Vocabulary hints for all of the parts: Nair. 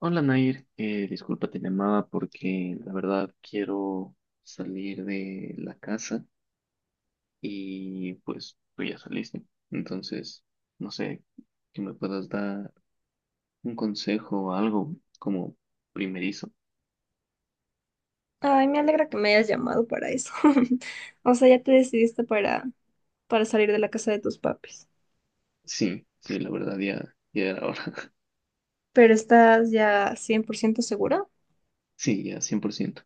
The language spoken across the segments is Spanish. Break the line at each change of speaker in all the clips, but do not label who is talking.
Hola Nair, disculpa, te llamaba porque la verdad quiero salir de la casa y pues tú ya saliste. Entonces, no sé, que me puedas dar un consejo o algo como primerizo.
Ay, me alegra que me hayas llamado para eso. O sea, ya te decidiste para salir de la casa de tus papis.
Sí, sí, la verdad ya era hora.
Pero estás ya 100% segura.
Sí, ya 100%.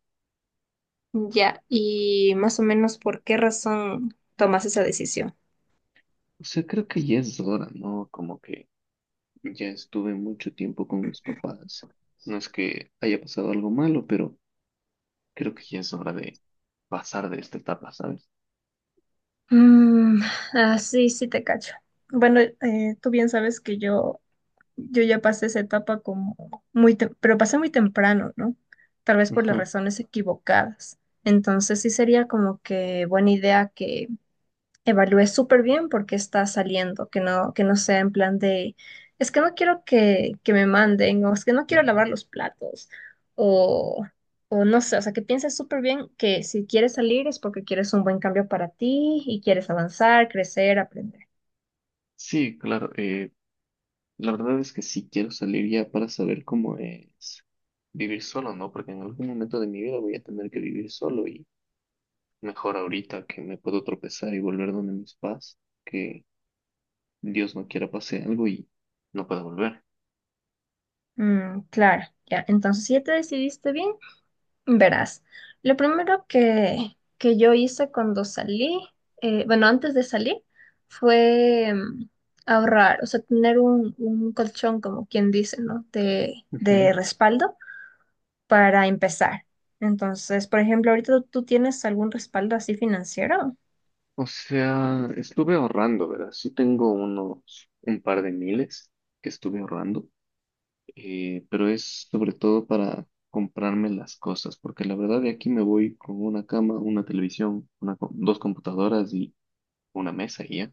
Ya, y más o menos por qué razón tomas esa decisión.
O sea, creo que ya es hora, ¿no? Como que ya estuve mucho tiempo con mis papás. No es que haya pasado algo malo, pero creo que ya es hora de pasar de esta etapa, ¿sabes?
Mm, ah, sí, sí te cacho. Bueno, tú bien sabes que yo ya pasé esa etapa como muy, pero pasé muy temprano, ¿no? Tal vez por las
Ajá.
razones equivocadas. Entonces sí sería como que buena idea que evalúe súper bien por qué está saliendo, que no sea en plan de, es que no quiero que me manden, o es que no quiero lavar los platos, o, o no sé, o sea, que pienses súper bien que si quieres salir es porque quieres un buen cambio para ti y quieres avanzar, crecer, aprender.
Sí, claro. La verdad es que sí quiero salir ya para saber cómo es vivir solo, ¿no? Porque en algún momento de mi vida voy a tener que vivir solo y mejor ahorita que me puedo tropezar y volver donde mis papás, que Dios no quiera pase algo y no pueda volver.
Mm, claro, ya, entonces si ya te decidiste bien, verás, lo primero que yo hice cuando salí, bueno, antes de salir, fue ahorrar, o sea, tener un colchón, como quien dice, ¿no? De,
Ujú.
de respaldo para empezar. Entonces, por ejemplo, ahorita tú tienes algún respaldo así financiero.
O sea, estuve ahorrando, ¿verdad? Sí tengo un par de miles que estuve ahorrando. Eh, pero es sobre todo para comprarme las cosas, porque la verdad de aquí me voy con una cama, una televisión, dos computadoras y una mesa y ya.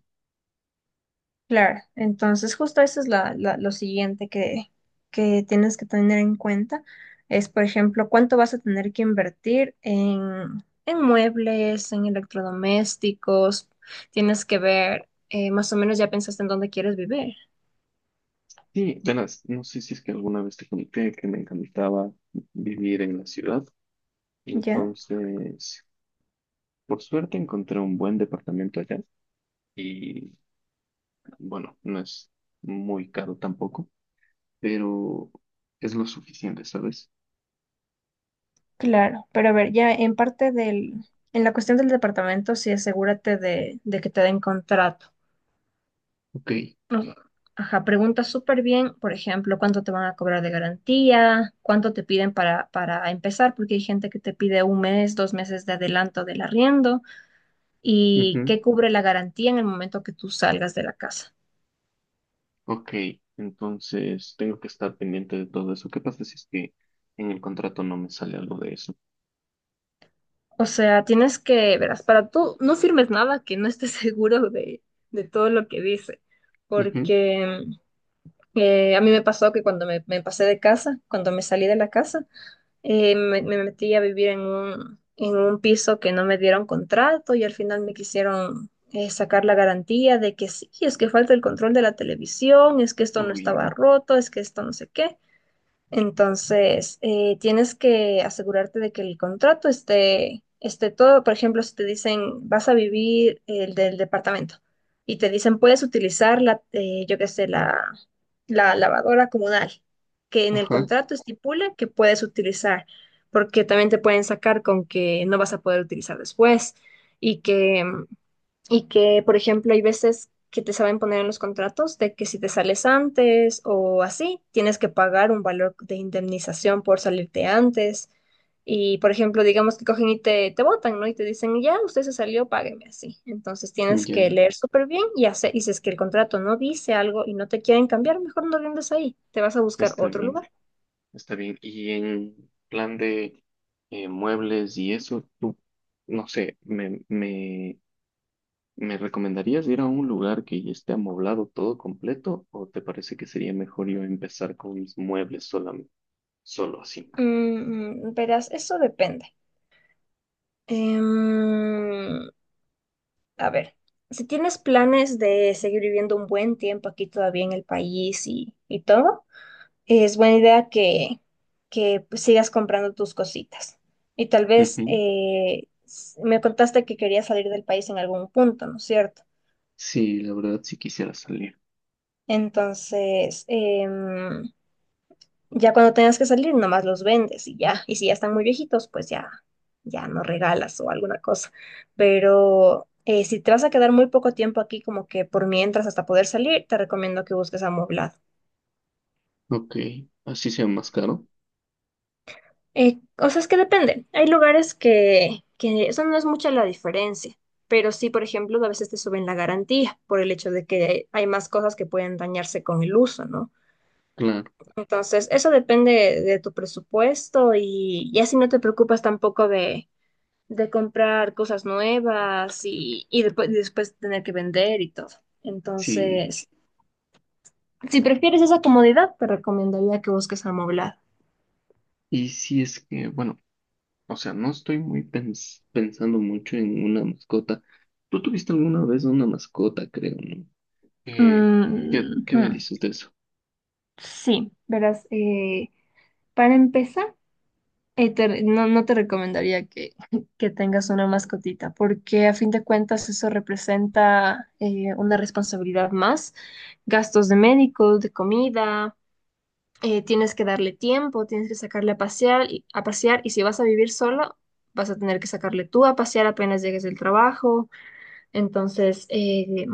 Claro, entonces justo eso es lo siguiente que tienes que tener en cuenta, es por ejemplo cuánto vas a tener que invertir en muebles, en electrodomésticos, tienes que ver más o menos ya pensaste en dónde quieres vivir.
Sí, verás, no sé si es que alguna vez te comenté que me encantaba vivir en la ciudad,
Ya,
entonces por suerte encontré un buen departamento allá y bueno, no es muy caro tampoco, pero es lo suficiente, ¿sabes?
claro, pero a ver, ya en parte en la cuestión del departamento, sí asegúrate de que te den contrato.
Ok.
O Ajá, pregunta súper bien, por ejemplo, cuánto te van a cobrar de garantía, cuánto te piden para empezar, porque hay gente que te pide un mes, 2 meses de adelanto del arriendo y
Ujú.
qué cubre la garantía en el momento que tú salgas de la casa.
Ok, entonces tengo que estar pendiente de todo eso. ¿Qué pasa si es que en el contrato no me sale algo de eso?
O sea, tienes que, verás, para tú no firmes nada que no estés seguro de todo lo que dice,
Ujú.
porque a mí me pasó que cuando me pasé de casa, cuando me salí de la casa, me metí a vivir en un piso que no me dieron contrato y al final me quisieron sacar la garantía de que sí, es que falta el control de la televisión, es que esto no
Uy,
estaba
no.
roto, es que esto no sé qué. Entonces, tienes que asegurarte de que el contrato esté todo. Por ejemplo, si te dicen, vas a vivir el del departamento y te dicen, puedes utilizar yo qué sé, la lavadora comunal, que en el
Ajá,
contrato estipula que puedes utilizar, porque también te pueden sacar con que no vas a poder utilizar después y que, por ejemplo, hay veces que te saben poner en los contratos de que si te sales antes o así, tienes que pagar un valor de indemnización por salirte antes. Y, por ejemplo, digamos que cogen y te botan, ¿no? Y te dicen, ya, usted se salió, págueme así. Entonces tienes que
ya.
leer súper bien y hacer, y si es que el contrato no dice algo y no te quieren cambiar, mejor no rindes ahí, te vas a buscar
Está
otro
bien,
lugar.
está bien. Y en plan de muebles y eso, tú, no sé, me, me, ¿me recomendarías ir a un lugar que ya esté amoblado todo completo? ¿O te parece que sería mejor yo empezar con mis muebles solamente, solo así?
Verás, eso depende. Em, A ver, si tienes planes de seguir viviendo un buen tiempo aquí todavía en el país y todo, es buena idea que pues, sigas comprando tus cositas. Y tal vez
Ujú.
me contaste que querías salir del país en algún punto, ¿no es cierto?
Sí, la verdad sí quisiera salir.
Entonces, ya cuando tengas que salir, nomás los vendes y ya. Y si ya están muy viejitos, pues ya no regalas o alguna cosa. Pero si te vas a quedar muy poco tiempo aquí, como que por mientras hasta poder salir, te recomiendo que busques amoblado.
Ok, así sea más caro.
O sea, es que depende. Hay lugares que eso no es mucha la diferencia. Pero sí, por ejemplo, a veces te suben la garantía por el hecho de que hay más cosas que pueden dañarse con el uso, ¿no?
Claro,
Entonces, eso depende de tu presupuesto y así no te preocupas tampoco de comprar cosas nuevas y después tener que vender y todo.
sí.
Entonces, si prefieres esa comodidad, te recomendaría que busques Amoblad.
Y si es que, bueno, o sea, no estoy muy pensando mucho en una mascota. Tú tuviste alguna vez una mascota, creo, ¿no? Eh, ¿Qué,
Mm,
qué me
ujú.
dices de eso?
Sí, verás, para empezar, no, no te recomendaría que, que tengas una mascotita, porque a fin de cuentas eso representa una responsabilidad más, gastos de médicos, de comida. Tienes que darle tiempo, tienes que sacarle a pasear, a pasear y si vas a vivir solo, vas a tener que sacarle tú a pasear apenas llegues del trabajo. Entonces,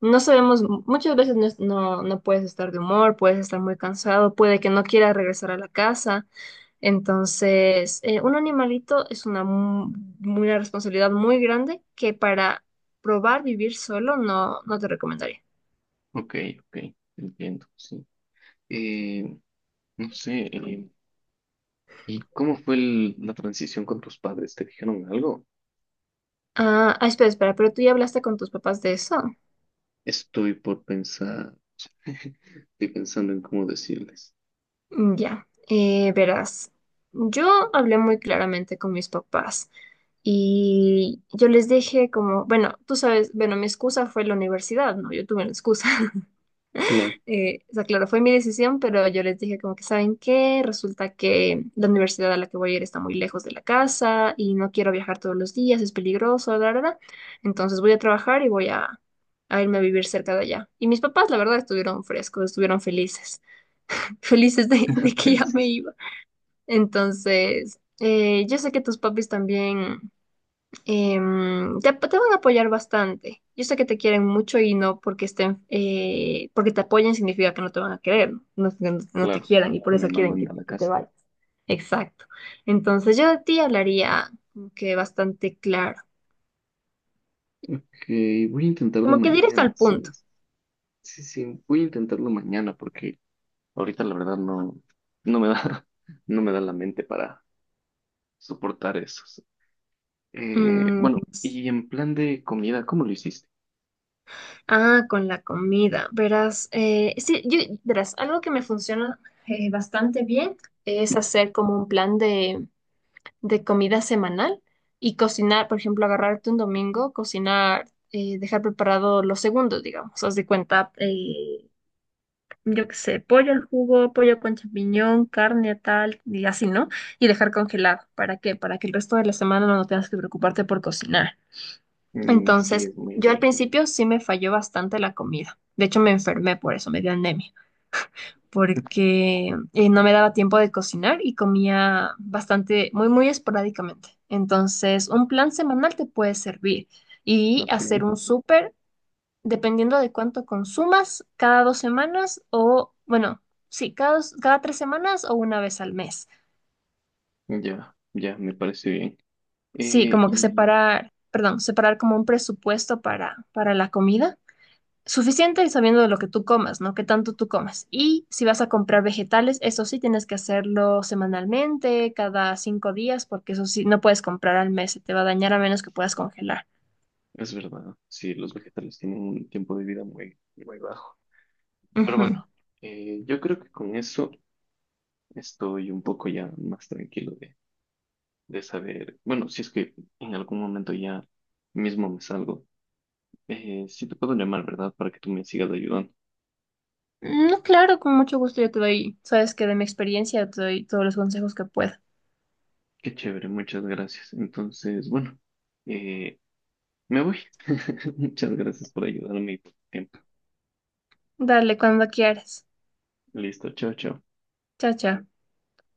no sabemos, muchas veces no, no, no puedes estar de humor, puedes estar muy cansado, puede que no quieras regresar a la casa. Entonces, un animalito es una responsabilidad muy grande que para probar vivir solo no, no te recomendaría.
Ok, ok, entiendo, sí. Eh, no sé, ¿y cómo fue la transición con tus padres? ¿Te dijeron algo?
Ah, ah, espera, espera, pero tú ya hablaste con tus papás de eso.
Estoy por pensar, estoy pensando en cómo decirles.
Ya, verás, yo hablé muy claramente con mis papás y yo les dije como, bueno, tú sabes, bueno, mi excusa fue la universidad, ¿no? Yo tuve una excusa.
Claro,
O sea, claro, fue mi decisión, pero yo les dije como que, ¿saben qué? Resulta que la universidad a la que voy a ir está muy lejos de la casa y no quiero viajar todos los días, es peligroso, la verdad. Entonces voy a trabajar y voy a irme a vivir cerca de allá. Y mis papás, la verdad, estuvieron frescos, estuvieron felices felices de que ya me
felices,
iba. Entonces, yo sé que tus papis también te van a apoyar bastante. Yo sé que te quieren mucho y no porque estén, porque te apoyen significa que no te van a querer, no, no te
claro,
quieran y por
que me
eso quieren
mandan
que
de
te,
la
que te
casa.
vayas. Exacto. Entonces, yo de ti hablaría como que bastante claro,
Ok, voy a intentarlo
como que directo
mañana,
al punto.
¿sabes? Sí, sí, voy a intentarlo mañana porque ahorita la verdad no me da, no me da la mente para soportar eso.
Mm,
Bueno,
s-
y en plan de comida, ¿cómo lo hiciste?
ah, con la comida. Verás, sí, verás, algo que me funciona bastante bien es hacer como un plan de comida semanal y cocinar, por ejemplo, agarrarte un domingo, cocinar, dejar preparado los segundos, digamos, haz de cuenta, yo qué sé, pollo al jugo, pollo con champiñón, carne tal, y así, ¿no? Y dejar congelado, ¿para qué? Para que el resto de la semana no tengas que preocuparte por cocinar.
Mm, sí,
Entonces,
es muy
yo al
inteligente.
principio sí me falló bastante la comida. De hecho, me enfermé por eso, me dio anemia porque no me daba tiempo de cocinar y comía bastante, muy, muy esporádicamente. Entonces, un plan semanal te puede servir y
Ok,
hacer un súper, dependiendo de cuánto consumas, cada 2 semanas o, bueno, sí, cada 3 semanas o una vez al mes.
ya, ya, me parece bien.
Sí,
Eh,
como que
y
separar, perdón, separar como un presupuesto para la comida. Suficiente sabiendo de lo que tú comas, ¿no? ¿Qué tanto tú comas? Y si vas a comprar vegetales, eso sí tienes que hacerlo semanalmente, cada 5 días, porque eso sí, no puedes comprar al mes, se te va a dañar a menos que puedas congelar.
es verdad, sí, los vegetales tienen un tiempo de vida muy bajo. Pero
Ujú.
bueno, yo creo que con eso estoy un poco ya más tranquilo de saber, bueno, si es que en algún momento ya mismo me salgo, sí te puedo llamar, ¿verdad? Para que tú me sigas ayudando.
No, claro, con mucho gusto yo te doy, sabes que de mi experiencia te doy todos los consejos que puedo.
Qué chévere, muchas gracias. Entonces, bueno, eh, me voy. Muchas gracias por ayudarme y por tu tiempo.
Dale, cuando quieras.
Listo, chao, chao.
Chao, chao.